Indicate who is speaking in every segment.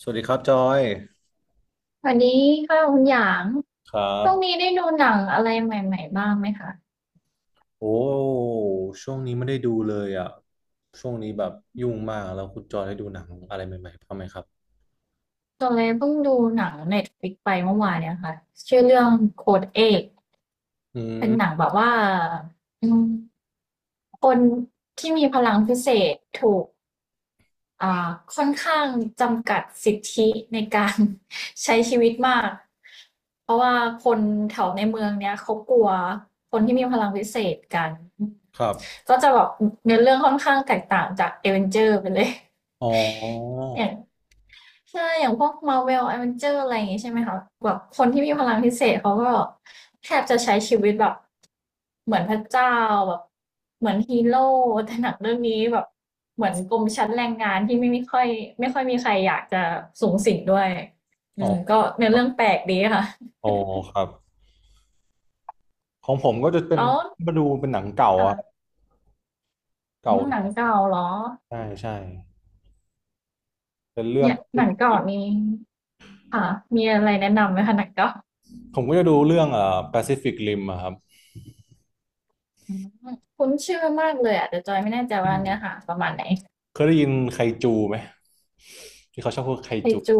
Speaker 1: สวัสดีครับจอย
Speaker 2: สวัสดีค่ะคุณหยาง
Speaker 1: ครั
Speaker 2: ช่วงนี้
Speaker 1: บ
Speaker 2: ได้ดูหนังอะไรใหม่ๆบ้างไหมคะ
Speaker 1: โอ้ช่วงนี้ไม่ได้ดูเลยอ่ะช่วงนี้แบบยุ่งมากแล้วคุณจอยได้ดูหนังอะไรใหม่ๆบ้างไหมครับ
Speaker 2: ตัวเลยเพิ่งดูหนัง Netflix ไปเมื่อวานเนี่ยค่ะชื่อเรื่องโค้ดเอก
Speaker 1: อื
Speaker 2: เป็นหนัง
Speaker 1: ม
Speaker 2: แบบว่าอืมคนที่มีพลังพิเศษถูก อ่าค่อนข้างจำกัดสิทธิในการ ใช้ชีวิตมากเพราะว่าคนแถวในเมืองเนี้ยเขากลัวคนที่มีพลังวิเศษกัน
Speaker 1: ครับ
Speaker 2: ก็จะแบบเนื้อเรื่องค่อนข้างแตกต่างจากเอเวนเจอร์ไปเลย
Speaker 1: อ๋อ
Speaker 2: อย่าง ใช่ อย่างพวก Marvel Avenger อะไรอย่างงี้ใช่ไหมคะแบบคนที่มีพลังพิเศษเขาก็แทบจะใช้ชีวิตแบบเหมือนพระเจ้าแบบเหมือนฮีโร่แต่หนังเรื่องนี้แบบเหมือนกลุ่มชั้นแรงงานที่ไม่ค่อยไม่ค่อยมีใครอยากจะสูงสิงด้วยอื
Speaker 1: อ๋อ
Speaker 2: มก็เนื้อ
Speaker 1: ครับ
Speaker 2: เรื่องแปลกดีค่ะ
Speaker 1: อ๋อครับของผมก็จะเป็น
Speaker 2: แล้ว
Speaker 1: มาดูเป็นหนังเก่าอ่ะ
Speaker 2: ค่ะอื
Speaker 1: เก่า
Speaker 2: ม
Speaker 1: ห
Speaker 2: ห
Speaker 1: น่อ
Speaker 2: นัง
Speaker 1: ย
Speaker 2: เก่าเหรอ
Speaker 1: ใช่ใช่เป็นเรื่อง
Speaker 2: เนี่ยหนังเก่านี้ค่ะมีอะไรแนะนำไหมคะหนังเก่า
Speaker 1: ผมก็จะดูเรื่องPacific Rim อะครับ
Speaker 2: อืมคุ้นชื่อมากเลยอ่ะแต่จอยไม่แน่ใจ
Speaker 1: อื
Speaker 2: ว่าเนื้อหา
Speaker 1: ม
Speaker 2: ประมาณไหน
Speaker 1: เคยได้ยินไคจูไหมที่เขาชอบพูดไค
Speaker 2: ไค
Speaker 1: จู
Speaker 2: จู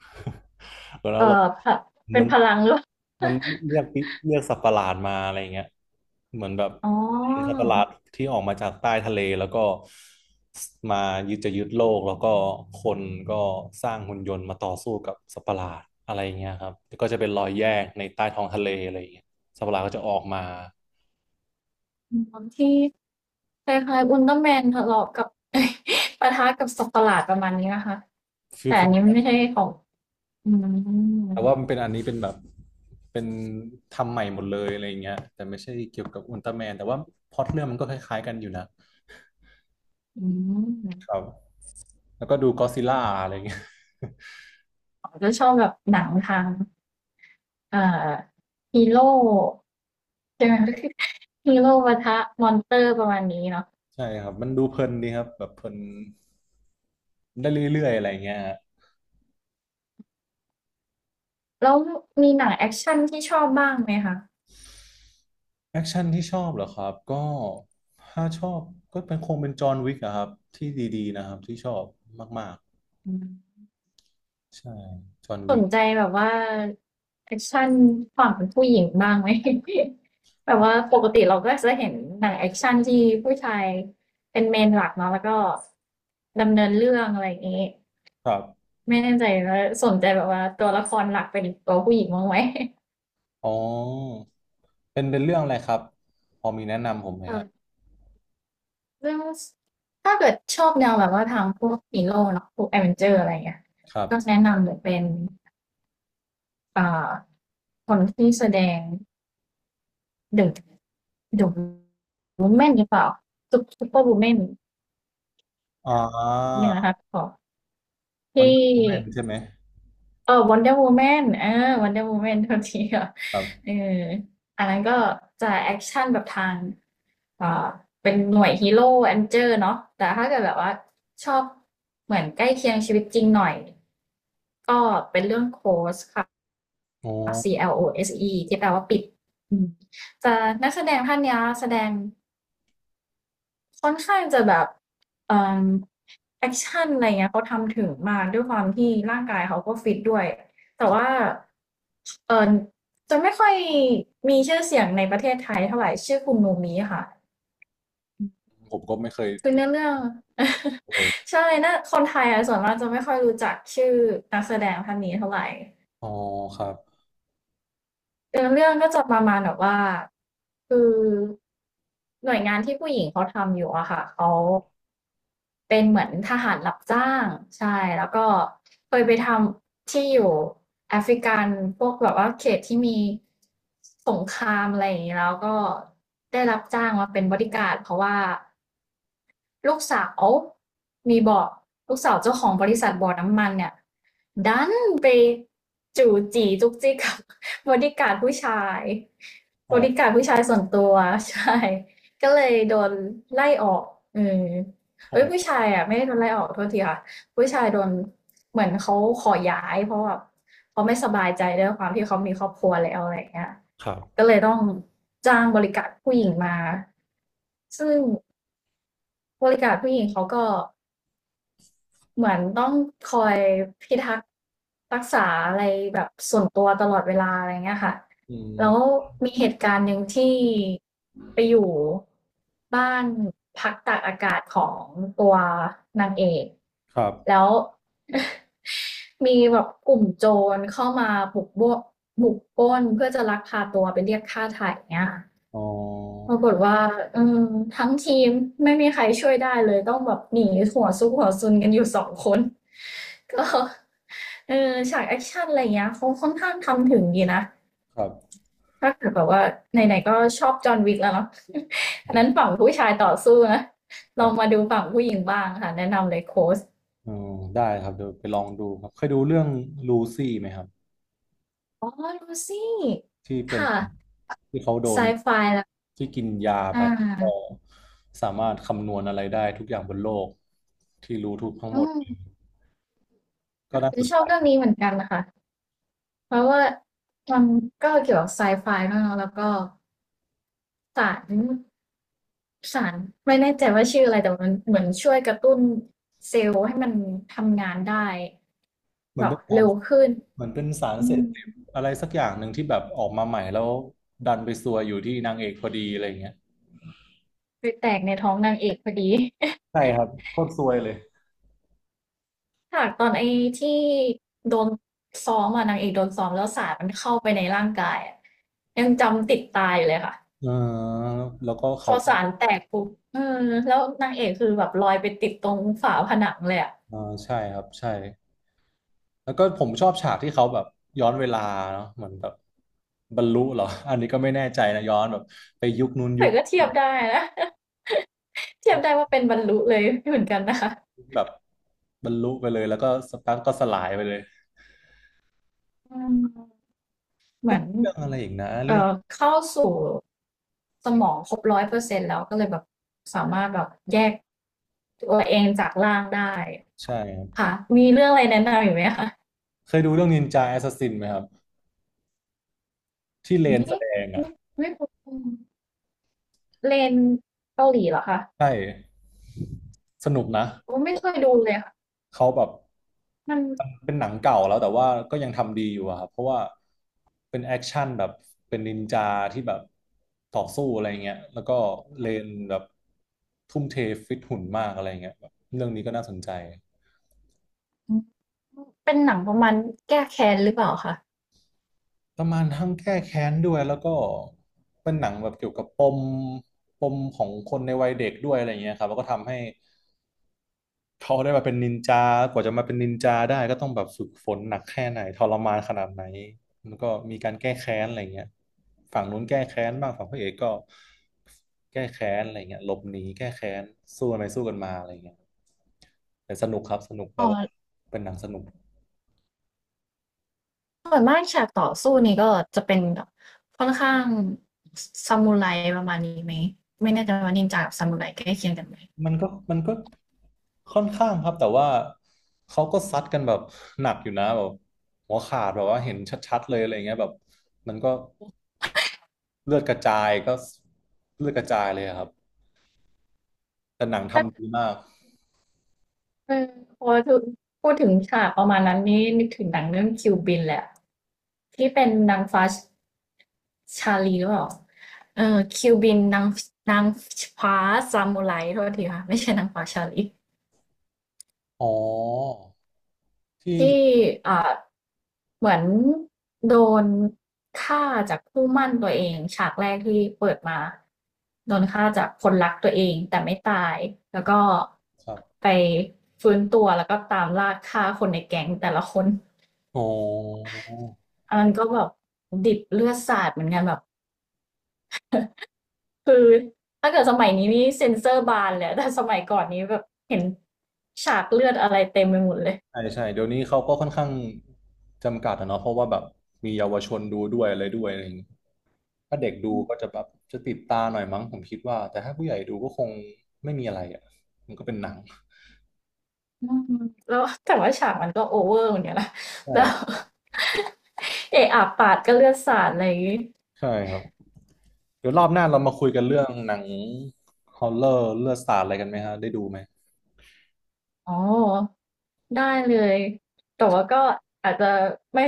Speaker 1: แล้วเรา
Speaker 2: พะ
Speaker 1: เห
Speaker 2: เป็
Speaker 1: มื
Speaker 2: น
Speaker 1: อน
Speaker 2: พลัง หรือเปล่า
Speaker 1: มันเรียกเรียกสัตว์ประหลาดมาอะไรเงี้ยเหมือนแบบ
Speaker 2: อ๋อ
Speaker 1: เป็นสัตว์ประหลาดที่ออกมาจากใต้ทะเลแล้วก็มายึดจะยึดโลกแล้วก็คนก็สร้างหุ่นยนต์มาต่อสู้กับสัตว์ประหลาดอะไรเงี้ยครับแล้วก็จะเป็นรอยแยกในใต้ท้องทะเลอะไรเงี้ยสัตว์ประหลาดก็จะออกมา
Speaker 2: ที่คล้ายๆอุลตร้าแมนทะเลาะกับ ปะทะกับสัตว์ประหลาดประมาณนี้นะคะ
Speaker 1: ฟิว
Speaker 2: แต่
Speaker 1: ฟิ
Speaker 2: อัน
Speaker 1: ล
Speaker 2: นี้มันไม่ใช่ของอืม
Speaker 1: แต่ว่ามันเป็นอันนี้เป็นแบบเป็นทำใหม่หมดเลยอะไรอย่างเงี้ยแต่ไม่ใช่เกี่ยวกับอุลตร้าแมนแต่ว่าพล็อตเรื่องมันก็คล้ายๆกันอยู่นะ
Speaker 2: อื
Speaker 1: ค
Speaker 2: ม
Speaker 1: รับ แล้วก็ดูก็อดซิลล่าอะไรเงี้ย
Speaker 2: ผมจะชอบแบบหนังทางเอ่อฮีโร่ใช่ไหม ฮีโร่ ปะทะมอนเตอร์ประมาณนี้เนาะ
Speaker 1: ใช่ครับมันดูเพลินดีครับแบบเพลินได้เรื่อยๆอะไรเงี้ย
Speaker 2: แล้วมีหนังแอคชั่นที่ชอบบ้างไหมคะ
Speaker 1: แอคชั่นที่ชอบเหรอครับก็ถ้าชอบก็เป็นคงเป็นจอห์นวิกอะครับที่ดีๆนะครับที่ชอบมาก
Speaker 2: อืม
Speaker 1: ๆใช่จอห์น
Speaker 2: ส
Speaker 1: วิ
Speaker 2: น
Speaker 1: ก
Speaker 2: ใจแบบว่าแอคชั่นฝั่งผู้หญิงบ้างไหม แบบว่าปกติเราก็จะเห็นหนังแอคชั่นที่ผู้ชายเป็นเมนหลักเนาะแล้วก็ดำเนินเรื่องอะไรอย่างนี้
Speaker 1: ครับ
Speaker 2: ไม่แน่ใจว่าสนใจแบบว่าตัวละครหลักเป็นตัวผู้หญิงบ้างไหม
Speaker 1: อ๋อเป็นเรื่องอะไรครับพอมีแนะนำผมไหม ครับ
Speaker 2: เออเรื่องถ้าเกิดชอบแนวแบบว่าทางพวกฮีโร่เนาะพวกแอดเวนเจอร์อะไรเงี้ย
Speaker 1: ครับ
Speaker 2: ก็แนะนำเลยเป็นอ่าคนที่แสดง เดอะเดอะวูแมนหรือเปล่าซุปเปอร์วูแมน
Speaker 1: อ่
Speaker 2: เนี่ยนะ
Speaker 1: า
Speaker 2: คะขอ
Speaker 1: วัน
Speaker 2: ที่
Speaker 1: แมนใช่ไหม
Speaker 2: เออวันเดอร์วูแมนเออวันเดอร์วูแมนทันทีค่ะ
Speaker 1: ครั
Speaker 2: เอ
Speaker 1: บ
Speaker 2: ออันนั้นก็จะแอคชั่นแบบทางอ่าเป็นหน่วยฮีโร่แอนเจอร์เนาะแต่ถ้าเกิดแบบว่าชอบเหมือนใกล้เคียงชีวิตจริงหน่อยก็เป็นเรื่องโคสค่ะ
Speaker 1: อ๋อ
Speaker 2: Close ที่แปลว่าปิดอืมจะนักแสดงท่านเนี้ยแสดง ค่อนข้างจะแบบเอ่อแอกชันอะไรเงี้ยเขาทำถึงมากด้วยความที่ร่างกายเขาก็ฟิตด้วยแต่ว่าเอ่อจะไม่ค่อยมีชื่อเสียงในประเทศไทยเท่าไรชื่อคุณโนมิค่ะ
Speaker 1: ผมก็ไม่เคย
Speaker 2: คือ
Speaker 1: ได้
Speaker 2: เนื้อเรื่อง
Speaker 1: ดเลย
Speaker 2: ใช่น่าคนไทยอะส่วนมากจะไม่ค่อยรู้จักชื่อนักแสดงท่านนี้เท่าไร
Speaker 1: อ๋อครับ
Speaker 2: เนื้อเรื่องก็จะประมาณแบบว่าคือหน่วยงานที่ผู้หญิงเขาทำอยู่อะค่ะเขาเป็นเหมือนทหารรับจ้างใช่แล้วก็เคยไปทำที่อยู่แอฟริกันพวกแบบว่าเขตที่มีสงครามอะไรอย่างนี้แล้วก็ได้รับจ้างมาเป็นบอดี้การ์ดเพราะว่า ลูกสาวมีบอกลูกสาวเจ้าของบริษัทบ่อน้ำมันเนี่ยดันไปจู่จีจุกจิกกับ บริการผู้ชาย
Speaker 1: อ๋อ
Speaker 2: บริการผู้ชายส่วนตัว ใช่ก็เลยโดนไล่ออกเออเอ้ยผู้ชายอ่ะไม่ได้โดนไล่ออกโทษทีค่ะผู้ชายโดนเหมือนเขาขอย้ายเพราะแบบเขาไม่สบายใจด้วยความที่เขามีครอบครัวแล้วอะไรอย่างเงี้ย
Speaker 1: ครั
Speaker 2: ก็
Speaker 1: บ
Speaker 2: เลยต้องจ้างบริการผู้หญิงมาซึ่ง บริการผู้หญิงเขาก็เหมือนต้องคอยพิทักษ์รักษาอะไรแบบส่วนตัวตลอดเวลาอะไรเงี้ยค่ะ
Speaker 1: อืม
Speaker 2: แล้วมีเหตุการณ์หนึ่งที่ไปอยู่บ้านพักตากอากาศของตัวนางเอก
Speaker 1: ครับ
Speaker 2: แล้ว มีแบบกลุ่มโจรเข้ามาบุกปล้นเพื่อจะลักพาตัวไปเรียกค่าไถ่เงี้ยค่ะ
Speaker 1: อ๋อ
Speaker 2: ปรากฏว่าอืมทั้งทีมไม่มีใครช่วยได้เลยต้องแบบหนีหัวซุกหัวซุนกันอยู่สองคน ก็เออฉากแอคชั่นอะไรอย่างเงี้ยเขาค่อนข้างทำถึงดีนะ
Speaker 1: ครับ
Speaker 2: ถ้าเกิดแบบว่าไหนๆก็ชอบจอห์นวิกแล้วเนาะ อันนั้นฝั่งผู้ชายต่อสู้นะ
Speaker 1: ค
Speaker 2: ล
Speaker 1: รั
Speaker 2: องมา
Speaker 1: บ
Speaker 2: ดูฝั่งผู้หญิงบ้างค่ะแนะนำเลยโค้ช
Speaker 1: อ๋อได้ครับเดี๋ยวไปลองดูครับเคยดูเรื่องลูซี่ไหมครับ
Speaker 2: อ๋อลูซี่
Speaker 1: ที่เป็น
Speaker 2: ค่ะ
Speaker 1: ที่เขาโด
Speaker 2: ไซ
Speaker 1: น
Speaker 2: ไฟแล้ว
Speaker 1: ที่กินยา
Speaker 2: อ่
Speaker 1: ไปก็
Speaker 2: า
Speaker 1: สามารถคำนวณอะไรได้ทุกอย่างบนโลกที่รู้ทุกทั้ง
Speaker 2: อื
Speaker 1: หมด
Speaker 2: ม
Speaker 1: ก็น่าสน
Speaker 2: ช
Speaker 1: ใจ
Speaker 2: อบเรื่องนี้เหมือนกันนะคะเพราะว่ามันก็เกี่ยวกับไซไฟด้วยเนอะแล้วก็ สารสารไม่แน่ใจว่าชื่ออะไรแต่มันเหมือนช่วยกระตุ้นเซลล์ให้มันทำงานได้
Speaker 1: เหมื
Speaker 2: แบ
Speaker 1: อน
Speaker 2: บ
Speaker 1: เป็นสาร
Speaker 2: เร็วขึ้น
Speaker 1: เหมือนเป็นสาร
Speaker 2: อื
Speaker 1: เสพ
Speaker 2: ม
Speaker 1: ติดอะไรสักอย่างหนึ่งที่แบบออกมาใหม่แล้วดันไปซวยอยู่ที่นางเอกพอดีอะไรอย่งเงี้ย
Speaker 2: ไปแตกในท้องนางเอกพอดี
Speaker 1: ใช่ครับโคตรซวยเลย
Speaker 2: ฉากตอนไอ้ที่โดนซ้อมอ่ะนางเอกโดนซ้อมแล้วสารมันเข้าไปในร่างกายอะยังจำติดตาอยู่เลยค่ะ
Speaker 1: เออแล้วก็
Speaker 2: พ
Speaker 1: เขา
Speaker 2: อสารแตกปุ๊บเออแล้วนางเอกคือแบบลอยไปติดตรงฝาผนังเลยอะ
Speaker 1: เออใช่ครับใช่ แล้วก็ผมชอบฉากที่เขาแบบย้อนเวลาเนาะเหมือนแบบบรรลุเหรอ อันนี้ก็ไม่แน่ใจนะย้อนแบบไปยุคนู้นยุ
Speaker 2: แต่
Speaker 1: ค
Speaker 2: ก็เทียบได้นะ เทียบได้ว่าเป็นบรรลุเลยเหมือนกันนะคะ
Speaker 1: แบบบรรลุไปเลยแล้วก็สักพักก็สลายไปเลย
Speaker 2: อืมเห
Speaker 1: ก็
Speaker 2: มือน
Speaker 1: มีเรื่องอะไรอีกนะเรื่อง
Speaker 2: เข้าสู่สมองครบ100 เปอร์เซ็นต์แล้วก็เลยแบบสามารถแบบแยกตัวเองจากร่างได้
Speaker 1: ใช่ครับ
Speaker 2: ค่ะมีเรื่องอะไรแนะนำอีกไหมคะ
Speaker 1: เคยดูเรื่องนินจาแอสซัสซินไหมครับที่เลนแส
Speaker 2: นี่
Speaker 1: ดงอ่ะ
Speaker 2: ไม่ไม่รู้เลนเกาหลีเหรอคะ
Speaker 1: ใช่สนุกนะ
Speaker 2: ผมไม่เคยดูเลยค่ะ
Speaker 1: เขาแบบ
Speaker 2: มัน
Speaker 1: มันเป็นหนังเก่าแล้วแต่ว่าก็ยังทำดีอยู่อะครับเพราะว่าเป็นแอคชั่นแบบเป็นนินจาที่แบบต่อสู้อะไรเงี้ยแล้วก็เลนแบบทุ่มเทฟิตหุ่นมากอะไรเงี้ยแบบเรื่องนี้ก็น่าสนใจ
Speaker 2: เป็นหนังประมาณแก้แค้นหรือเปล่าคะ
Speaker 1: ประมาณทั้งแก้แค้นด้วยแล้วก็เป็นหนังแบบเกี่ยวกับปมปมของคนในวัยเด็กด้วยอะไรเงี้ยครับแล้วก็ทำให้ เขาได้มาเป็นนินจากว่าจะมาเป็นนินจาได้ก็ต้องแบบฝึกฝนหนักแค่ไหนทรมานขนาดไหนแล้วก็มีการแก้แค้นอะไรเงี้ยฝั่งนู้นแก้แค้นบ้างฝั่งพระเอกก็แก้แค้นอะไรเงี้ยหลบหนีแก้แค้นสู้กันไปสู้กันมาอะไรเงี้ยแต่สนุกครับสนุกแบ
Speaker 2: อ๋อ
Speaker 1: บว่าเป็นหนังสนุก
Speaker 2: ส่วนมากฉากต่อสู้นี่ก็จะเป็นแบบค่อนข้างซามูไรประมาณนี้ไหมไม่แน่ใจว่านินจากับซามูไรใกล้เคียงกันไหม
Speaker 1: มันก็ค่อนข้างครับแต่ว่าเขาก็ซัดกันแบบหนักอยู่นะแบบหัวขาดแบบว่าเห็นชัดๆเลยอะไรเงี้ยแบบมันก็ เลือดกระจายก็เลือดกระจายเลยอะครับแต่หนัง
Speaker 2: ถ้า
Speaker 1: ทำดีมาก
Speaker 2: เออพอถึงพูดถึงฉากประมาณนั้นนี่นึกถึงหนังเรื่องคิวบินแหละที่เป็นนางฟ้าชาลีหรือเปล่าเออคิวบินนางนางฟ้าซามูไรโทษทีค่ะไม่ใช่นางฟ้าชาลี
Speaker 1: อ๋อที่
Speaker 2: ที่อ่าเหมือนโดนฆ่าจากคู่หมั่นตัวเองฉากแรกที่เปิดมาโดนฆ่าจากคนรักตัวเองแต่ไม่ตายแล้วก็
Speaker 1: ครับ
Speaker 2: ไปฟื้นตัวแล้วก็ตามล่าฆ่าคนในแก๊งแต่ละคน
Speaker 1: อ๋อ
Speaker 2: อันนั้นก็แบบดิบเลือดสาดเหมือนกันแบบคือถ้าเกิดสมัยนี้นี่เซ็นเซอร์บานเลยแต่สมัยก่อนนี้แบบเห็นฉากเลือดอะไรเต็มไปหมดเลย
Speaker 1: ใช่ใช่เดี๋ยวนี้เขาก็ค่อนข้างจำกัดอะเนาะเพราะว่าแบบมีเยาวชนดูด้วยอะไรด้วยอะไรอย่างงี้ถ้าเด็กดูก็จะแบบจะติดตาหน่อยมั้งผมคิดว่าแต่ถ้าผู้ใหญ่ดูก็คงไม่มีอะไรอ่ะมันก็เป็นหนัง
Speaker 2: อืมแล้วแต่ว่าฉากมันก็โอเวอร์เหมือนกันนะ แล้ว
Speaker 1: ใช่
Speaker 2: เอะอะปาดก็เลือดสาดอะไรอย่างงี้
Speaker 1: ใช่ครับเดี๋ยวรอบหน้าเรามาคุยกันเรื่องหนังฮอลเลอร์เลือดสาดอะไรกันไหมฮะได้ดูไหม
Speaker 2: อ๋อได้เลยแต่ว่าก็อาจจะไม่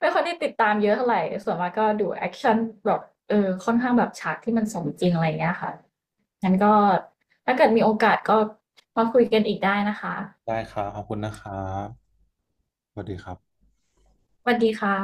Speaker 2: ไม่ค่อยได้ติดตามเยอะเท่าไหร่ส่วนมากก็ดูแอคชั่นแบบเออค่อนข้างแบบฉากที่มันสมจริงอะไรอย่างเงี้ยค่ะงั้นก็ถ้าเกิดมีโอกาสก็มาคุยกันอีกได้นะคะ
Speaker 1: ได้ครับขอบคุณนะครับสวัสดีครับ
Speaker 2: สวัสดีค่ะ